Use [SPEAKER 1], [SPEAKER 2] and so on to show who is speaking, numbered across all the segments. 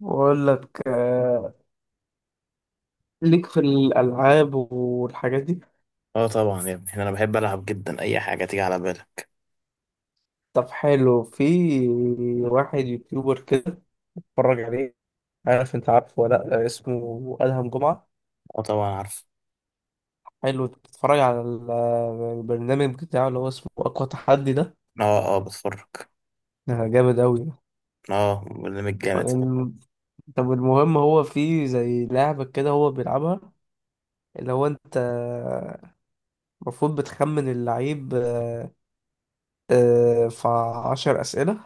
[SPEAKER 1] بقول لك ليك في الألعاب والحاجات دي.
[SPEAKER 2] اه، طبعا يا ابني، انا بحب العب جدا، اي حاجه تيجي على بالك.
[SPEAKER 1] طب حلو، في واحد يوتيوبر كده اتفرج عليه. عارف، انت عارفه ولا لأ؟ اسمه أدهم جمعة.
[SPEAKER 2] اه، طبعا عارف.
[SPEAKER 1] حلو تتفرج على البرنامج بتاعه اللي هو اسمه أقوى تحدي ده.
[SPEAKER 2] اه، اه، بتفرج.
[SPEAKER 1] ده جامد أوي.
[SPEAKER 2] اه، برنامج جامد.
[SPEAKER 1] الم- طب المهم هو في زي لعبة كده هو بيلعبها، اللي هو انت المفروض بتخمن اللعيب. في عشر أسئلة،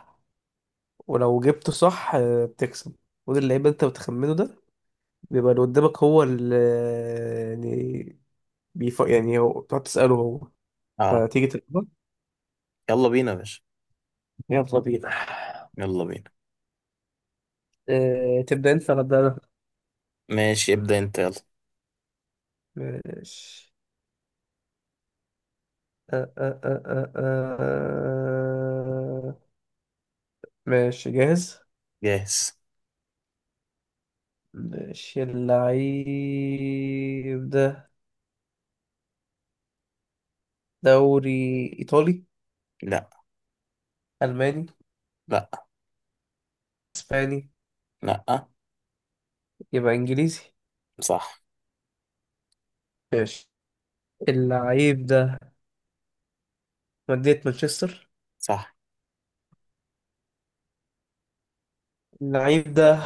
[SPEAKER 1] ولو جبته صح بتكسب. ودي اللعيبة انت بتخمنه ده بيبقى اللي قدامك، هو اللي يعني يعني هو بتقعد تسأله هو.
[SPEAKER 2] اه،
[SPEAKER 1] فتيجي تلعبها.
[SPEAKER 2] يلا بينا يا باشا.
[SPEAKER 1] يلا بينا.
[SPEAKER 2] يلا بينا.
[SPEAKER 1] تبدأ انت ولا أبدأ انا؟
[SPEAKER 2] ماشي، ابدا انت، يلا.
[SPEAKER 1] ماشي. آه، آه، آه، آه، آه. ماشي جاهز.
[SPEAKER 2] جاهز.
[SPEAKER 1] ماشي، اللعيب ده دوري إيطالي؟
[SPEAKER 2] لا.
[SPEAKER 1] ألماني؟
[SPEAKER 2] لا.
[SPEAKER 1] إسباني؟
[SPEAKER 2] لا.
[SPEAKER 1] يبقى إنجليزي.
[SPEAKER 2] صح.
[SPEAKER 1] ماشي، اللعيب ده مدينة مانشستر.
[SPEAKER 2] صح.
[SPEAKER 1] اللعيب ده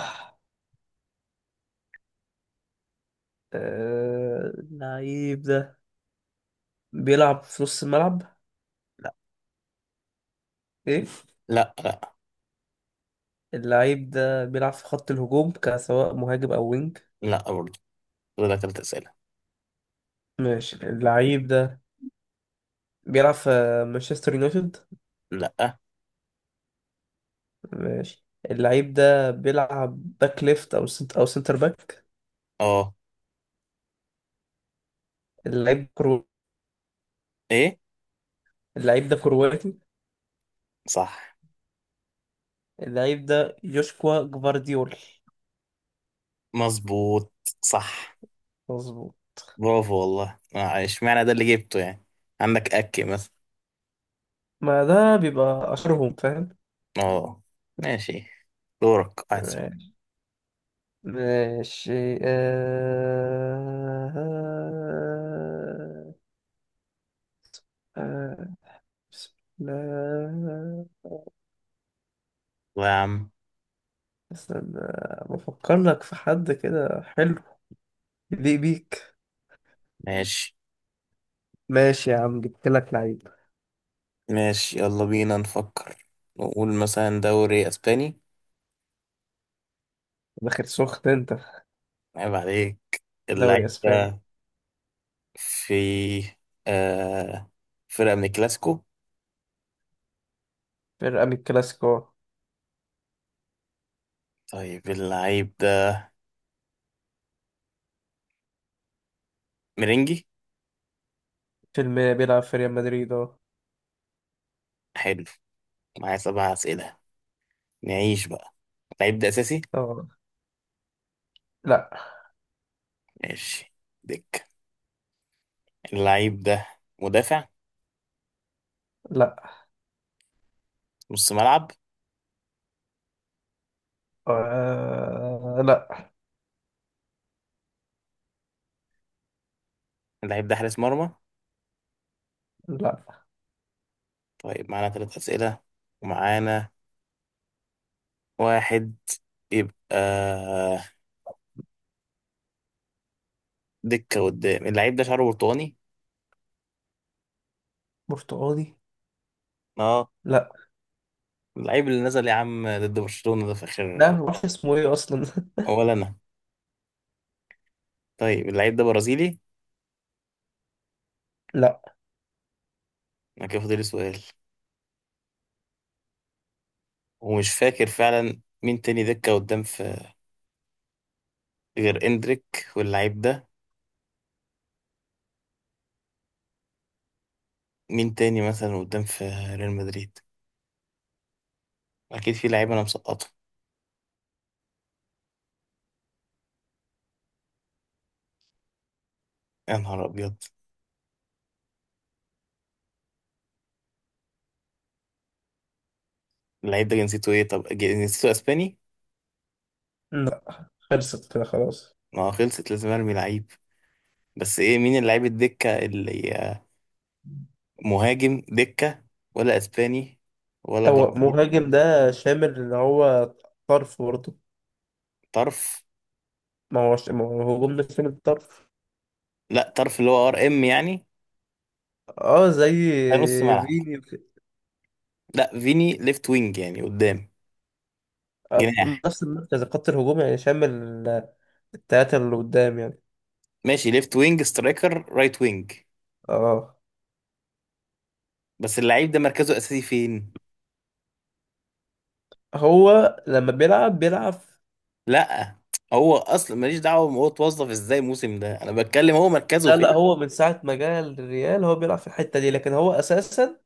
[SPEAKER 1] اللعيب ده بيلعب في نص الملعب؟
[SPEAKER 2] لا.
[SPEAKER 1] ايه؟
[SPEAKER 2] لا. لا.
[SPEAKER 1] اللعيب ده بيلعب في خط الهجوم كسواء مهاجم او وينج؟
[SPEAKER 2] لا برضه. كده تلات اسئله.
[SPEAKER 1] ماشي، اللعيب ده بيلعب في مانشستر يونايتد؟
[SPEAKER 2] لا.
[SPEAKER 1] ماشي، اللعيب ده بيلعب باك ليفت او سنت او سنتر باك؟
[SPEAKER 2] اه.
[SPEAKER 1] اللعيب كرو؟
[SPEAKER 2] ايه؟
[SPEAKER 1] اللعيب ده كرواتي؟
[SPEAKER 2] صح.
[SPEAKER 1] اللعيب ده يوشكوا جفارديول.
[SPEAKER 2] مظبوط. صح.
[SPEAKER 1] مظبوط.
[SPEAKER 2] برافو والله، اشمعنى ده اللي جبته يعني. عندك اكي مثلا؟
[SPEAKER 1] ما ده بيبقى اشهرهم، فاهم.
[SPEAKER 2] اه. ماشي، دورك أحسن.
[SPEAKER 1] ماشي. آه... بسم الله.
[SPEAKER 2] الله يا عم.
[SPEAKER 1] استنى بفكر لك في حد كده حلو يليق بيك.
[SPEAKER 2] ماشي.
[SPEAKER 1] ماشي يا عم، جبت لك لعيب.
[SPEAKER 2] ماشي يلا بينا نفكر. نقول مثلا دوري اسباني.
[SPEAKER 1] داخل سخن انت في
[SPEAKER 2] عيب عليك.
[SPEAKER 1] دوري
[SPEAKER 2] اللعيب
[SPEAKER 1] اسباني.
[SPEAKER 2] ده في آه فرقة من الكلاسيكو.
[SPEAKER 1] فرقة من الكلاسيكو.
[SPEAKER 2] طيب، اللعيب ده مرنجي؟
[SPEAKER 1] فيلم بيلعب في ريال مدريد، اه.
[SPEAKER 2] حلو، معايا سبع أسئلة، نعيش بقى. اللعيب ده أساسي؟
[SPEAKER 1] آه. لا.
[SPEAKER 2] ماشي. دك اللعيب ده مدافع؟
[SPEAKER 1] لا.
[SPEAKER 2] نص ملعب؟
[SPEAKER 1] لا.
[SPEAKER 2] اللعيب ده حارس مرمى؟
[SPEAKER 1] لا.
[SPEAKER 2] طيب معانا ثلاث أسئلة، ومعانا واحد. يبقى دكة قدام. اللعيب ده شعره برتقاني؟
[SPEAKER 1] برتقالي.
[SPEAKER 2] اه.
[SPEAKER 1] لا.
[SPEAKER 2] اللعيب اللي نزل يا عم ضد برشلونة ده في
[SPEAKER 1] لا
[SPEAKER 2] اخر؟
[SPEAKER 1] معرفش اسمه ايه اصلا.
[SPEAKER 2] ولا انا. طيب، اللعيب ده برازيلي؟
[SPEAKER 1] لا.
[SPEAKER 2] انا كده فاضل لي سؤال، ومش فاكر فعلا مين تاني دكة قدام في غير اندريك واللعيب ده. مين تاني مثلا قدام في ريال مدريد؟ اكيد في لعيب انا مسقطه. يا نهار ابيض. اللعيب ده جنسيته ايه؟ طب جنسيته اسباني؟
[SPEAKER 1] لا، خلصت كده خلاص.
[SPEAKER 2] ما هو خلصت، لازم ارمي لعيب. بس ايه مين اللعيب الدكة اللي مهاجم دكة، ولا اسباني ولا
[SPEAKER 1] هو
[SPEAKER 2] برازيل؟
[SPEAKER 1] مهاجم ده شامل اللي هو طرف برضه.
[SPEAKER 2] طرف.
[SPEAKER 1] ما هو، ما هو هجوم ده شامل الطرف.
[SPEAKER 2] لا، طرف اللي هو RM يعني.
[SPEAKER 1] اه زي
[SPEAKER 2] ده نص ملعب.
[SPEAKER 1] فيني وك-
[SPEAKER 2] لا، فيني ليفت وينج يعني قدام.
[SPEAKER 1] آه،
[SPEAKER 2] جناح.
[SPEAKER 1] نفس المركز خط الهجوم يعني شامل التلاتة اللي قدام يعني.
[SPEAKER 2] ماشي: ليفت وينج، سترايكر، رايت وينج.
[SPEAKER 1] اه.
[SPEAKER 2] بس اللعيب ده مركزه اساسي فين؟
[SPEAKER 1] هو لما بيلعب بيلعب.
[SPEAKER 2] لا، هو اصلا ماليش دعوه هو اتوظف ازاي الموسم ده، انا بتكلم هو مركزه
[SPEAKER 1] لا.
[SPEAKER 2] فين.
[SPEAKER 1] لا، هو من ساعة ما جه الريال هو بيلعب في الحتة دي، لكن هو أساسا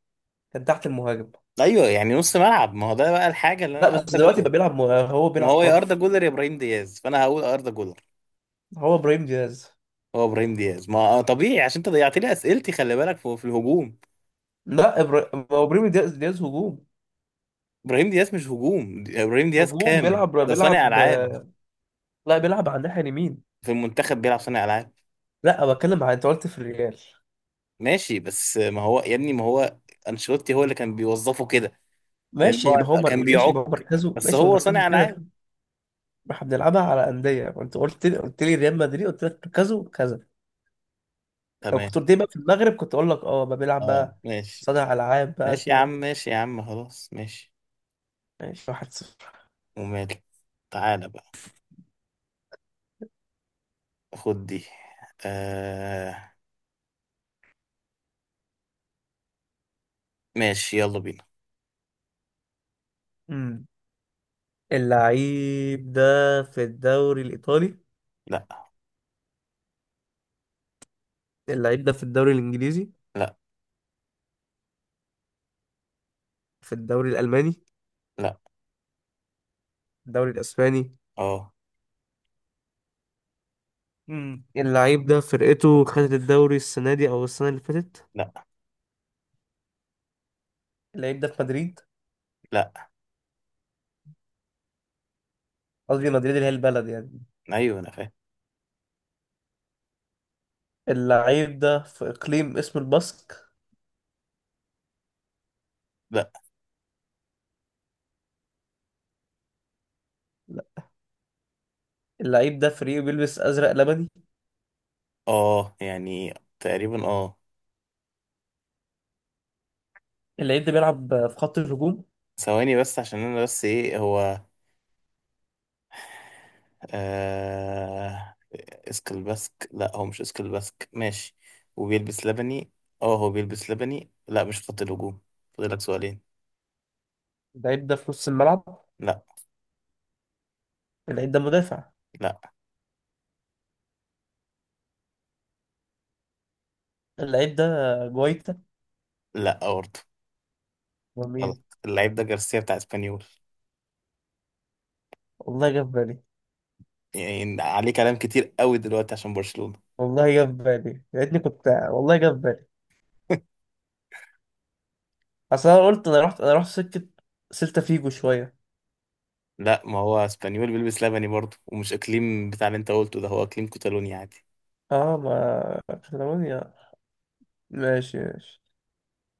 [SPEAKER 1] كان تحت المهاجم.
[SPEAKER 2] ايوه يعني نص ملعب، ما هو ده بقى الحاجه اللي
[SPEAKER 1] لا
[SPEAKER 2] انا،
[SPEAKER 1] بس
[SPEAKER 2] اردا
[SPEAKER 1] دلوقتي
[SPEAKER 2] جولر.
[SPEAKER 1] بقى هو
[SPEAKER 2] ما
[SPEAKER 1] بيلعب
[SPEAKER 2] هو يا اردا
[SPEAKER 1] طرف.
[SPEAKER 2] جولر يا ابراهيم دياز، فانا هقول اردا جولر.
[SPEAKER 1] هو إبراهيم دياز.
[SPEAKER 2] هو ابراهيم دياز؟ ما طبيعي، عشان انت ضيعت لي اسئلتي. خلي بالك في الهجوم.
[SPEAKER 1] لا، هو إبراهيم دياز، دياز هجوم.
[SPEAKER 2] ابراهيم دياز مش هجوم، ابراهيم دياز
[SPEAKER 1] هجوم
[SPEAKER 2] كام
[SPEAKER 1] بيلعب
[SPEAKER 2] ده؟ صانع
[SPEAKER 1] بيلعب.
[SPEAKER 2] العاب.
[SPEAKER 1] لا، بيلعب على الناحية اليمين.
[SPEAKER 2] في المنتخب بيلعب صانع العاب.
[SPEAKER 1] لا أنا بتكلم على أنت قلت في الريال.
[SPEAKER 2] ماشي، بس ما هو يا ابني، ما هو انشيلوتي هو اللي كان بيوظفه كده. لان هو كان
[SPEAKER 1] ماشي
[SPEAKER 2] بيعك،
[SPEAKER 1] يبقى هو مركزه،
[SPEAKER 2] بس
[SPEAKER 1] ماشي، هو
[SPEAKER 2] هو
[SPEAKER 1] مركزه
[SPEAKER 2] صانع العاب.
[SPEAKER 1] كده. احنا بنلعبها على أندية وأنت قلت لي، قلت لي ريال مدريد، قلت لك مركزه كذا. لو كنت
[SPEAKER 2] تمام.
[SPEAKER 1] قلت لي بقى في المغرب كنت أقول لك أه بقى بيلعب
[SPEAKER 2] اه،
[SPEAKER 1] بقى
[SPEAKER 2] ماشي.
[SPEAKER 1] صانع ألعاب بقى
[SPEAKER 2] ماشي يا عم،
[SPEAKER 1] كده.
[SPEAKER 2] ماشي يا عم، خلاص ماشي.
[SPEAKER 1] ماشي، 1-0.
[SPEAKER 2] وماله. تعالى بقى، خد دي. آه ماشي، يلا بينا.
[SPEAKER 1] امم، اللعيب ده في الدوري الإيطالي؟
[SPEAKER 2] لا.
[SPEAKER 1] اللعيب ده في الدوري الإنجليزي؟
[SPEAKER 2] لا.
[SPEAKER 1] في الدوري الألماني؟
[SPEAKER 2] لا.
[SPEAKER 1] الدوري الإسباني.
[SPEAKER 2] اه.
[SPEAKER 1] امم، اللعيب ده فرقته خدت الدوري السنة دي أو السنة اللي فاتت؟
[SPEAKER 2] لا.
[SPEAKER 1] اللعيب ده في مدريد؟
[SPEAKER 2] لا.
[SPEAKER 1] قصدي مدريد اللي هي البلد يعني.
[SPEAKER 2] ايوه، انا فاهم.
[SPEAKER 1] اللعيب ده في إقليم اسمه الباسك؟
[SPEAKER 2] لا.
[SPEAKER 1] لا. اللعيب ده في ريو، بيلبس أزرق لبني.
[SPEAKER 2] اه يعني، تقريبا اه.
[SPEAKER 1] اللعيب ده بيلعب في خط الهجوم؟
[SPEAKER 2] ثواني بس، عشان انا. بس ايه هو؟ آه... اسكل باسك، لا هو مش اسكل باسك. ماشي. وبيلبس لبني. اه هو بيلبس لبني. لا، مش خط الهجوم. فاضلك سؤالين.
[SPEAKER 1] اللعيب ده في نص الملعب؟
[SPEAKER 2] لا.
[SPEAKER 1] اللعيب ده مدافع؟
[SPEAKER 2] لا.
[SPEAKER 1] اللعيب ده جوايتا؟
[SPEAKER 2] لا برضه. غلط.
[SPEAKER 1] ومين؟
[SPEAKER 2] اللعيب ده جارسيا بتاع اسبانيول.
[SPEAKER 1] والله جه في بالي.
[SPEAKER 2] يعني عليه كلام كتير قوي دلوقتي عشان برشلونة.
[SPEAKER 1] والله جه في بالي، يا ريتني، كنت والله جه في بالي. أصل أنا قلت، أنا رحت سكة سيلتا فيجو شوية.
[SPEAKER 2] لا، ما هو اسبانيول بيلبس لبني برضه، ومش اقليم بتاع اللي انت قلته ده، هو اقليم كتالونيا عادي.
[SPEAKER 1] اه، ما كاتالونيا. ماشي ماشي.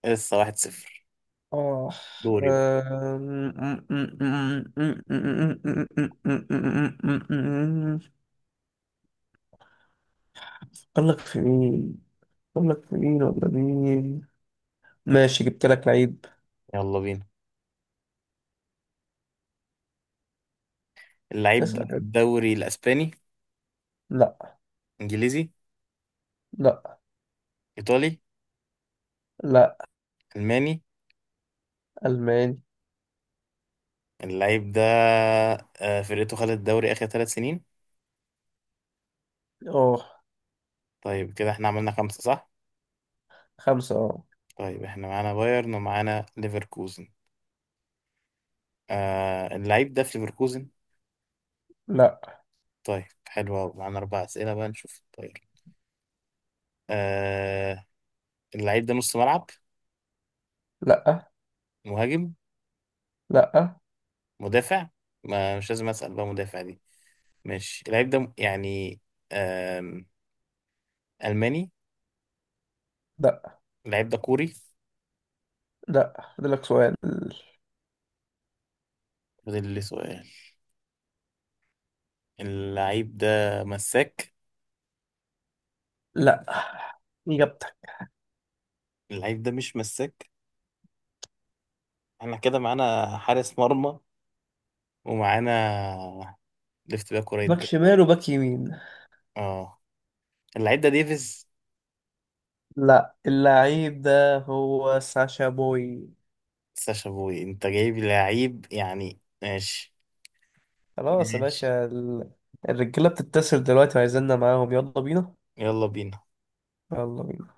[SPEAKER 2] لسه 1-0.
[SPEAKER 1] آه.
[SPEAKER 2] دوري بقى.
[SPEAKER 1] أم- أقول لك في مين؟ أقول لك في مين ولا مين؟ ماشي جبت لك لعيب.
[SPEAKER 2] يلا بينا. اللعيب ده في
[SPEAKER 1] اسأل.
[SPEAKER 2] الدوري الاسباني؟
[SPEAKER 1] لا.
[SPEAKER 2] انجليزي؟
[SPEAKER 1] لا.
[SPEAKER 2] ايطالي؟
[SPEAKER 1] لا.
[SPEAKER 2] الماني؟
[SPEAKER 1] ألماني.
[SPEAKER 2] اللعيب ده، فرقته خدت الدوري آخر 3 سنين.
[SPEAKER 1] أه.
[SPEAKER 2] طيب كده احنا عملنا خمسة، صح؟
[SPEAKER 1] خمسة أه.
[SPEAKER 2] طيب، احنا معانا بايرن ومعانا ليفركوزن. اللعيب ده في ليفركوزن؟
[SPEAKER 1] لا.
[SPEAKER 2] طيب، حلو أوي، معانا أربع أسئلة بقى، نشوف. طيب. آه اللعيب ده نص ملعب؟
[SPEAKER 1] لا.
[SPEAKER 2] مهاجم؟
[SPEAKER 1] لا.
[SPEAKER 2] مدافع؟ ما مش لازم أسأل بقى مدافع دي. ماشي، اللعيب ده يعني آم، ألماني؟
[SPEAKER 1] لا.
[SPEAKER 2] اللعيب ده كوري؟
[SPEAKER 1] لا، أديلك سؤال.
[SPEAKER 2] فاضل لي سؤال. اللعيب ده مساك؟
[SPEAKER 1] لا، إجابتك.
[SPEAKER 2] اللعيب ده مش مساك. احنا كده معانا حارس مرمى، ومعانا ليفت باك ورايت
[SPEAKER 1] باك
[SPEAKER 2] باك.
[SPEAKER 1] شمال وباك يمين.
[SPEAKER 2] اه، اللعيب ده ديفيز؟
[SPEAKER 1] لا، اللعيب ده هو ساشا بوي.
[SPEAKER 2] ساشا بوي؟ انت جايب لعيب يعني، ماشي.
[SPEAKER 1] خلاص يا
[SPEAKER 2] ماشي.
[SPEAKER 1] باشا، الرجالة بتتصل دلوقتي وعايزيننا معاهم. يلا بينا.
[SPEAKER 2] يلا بينا.
[SPEAKER 1] يلا بينا.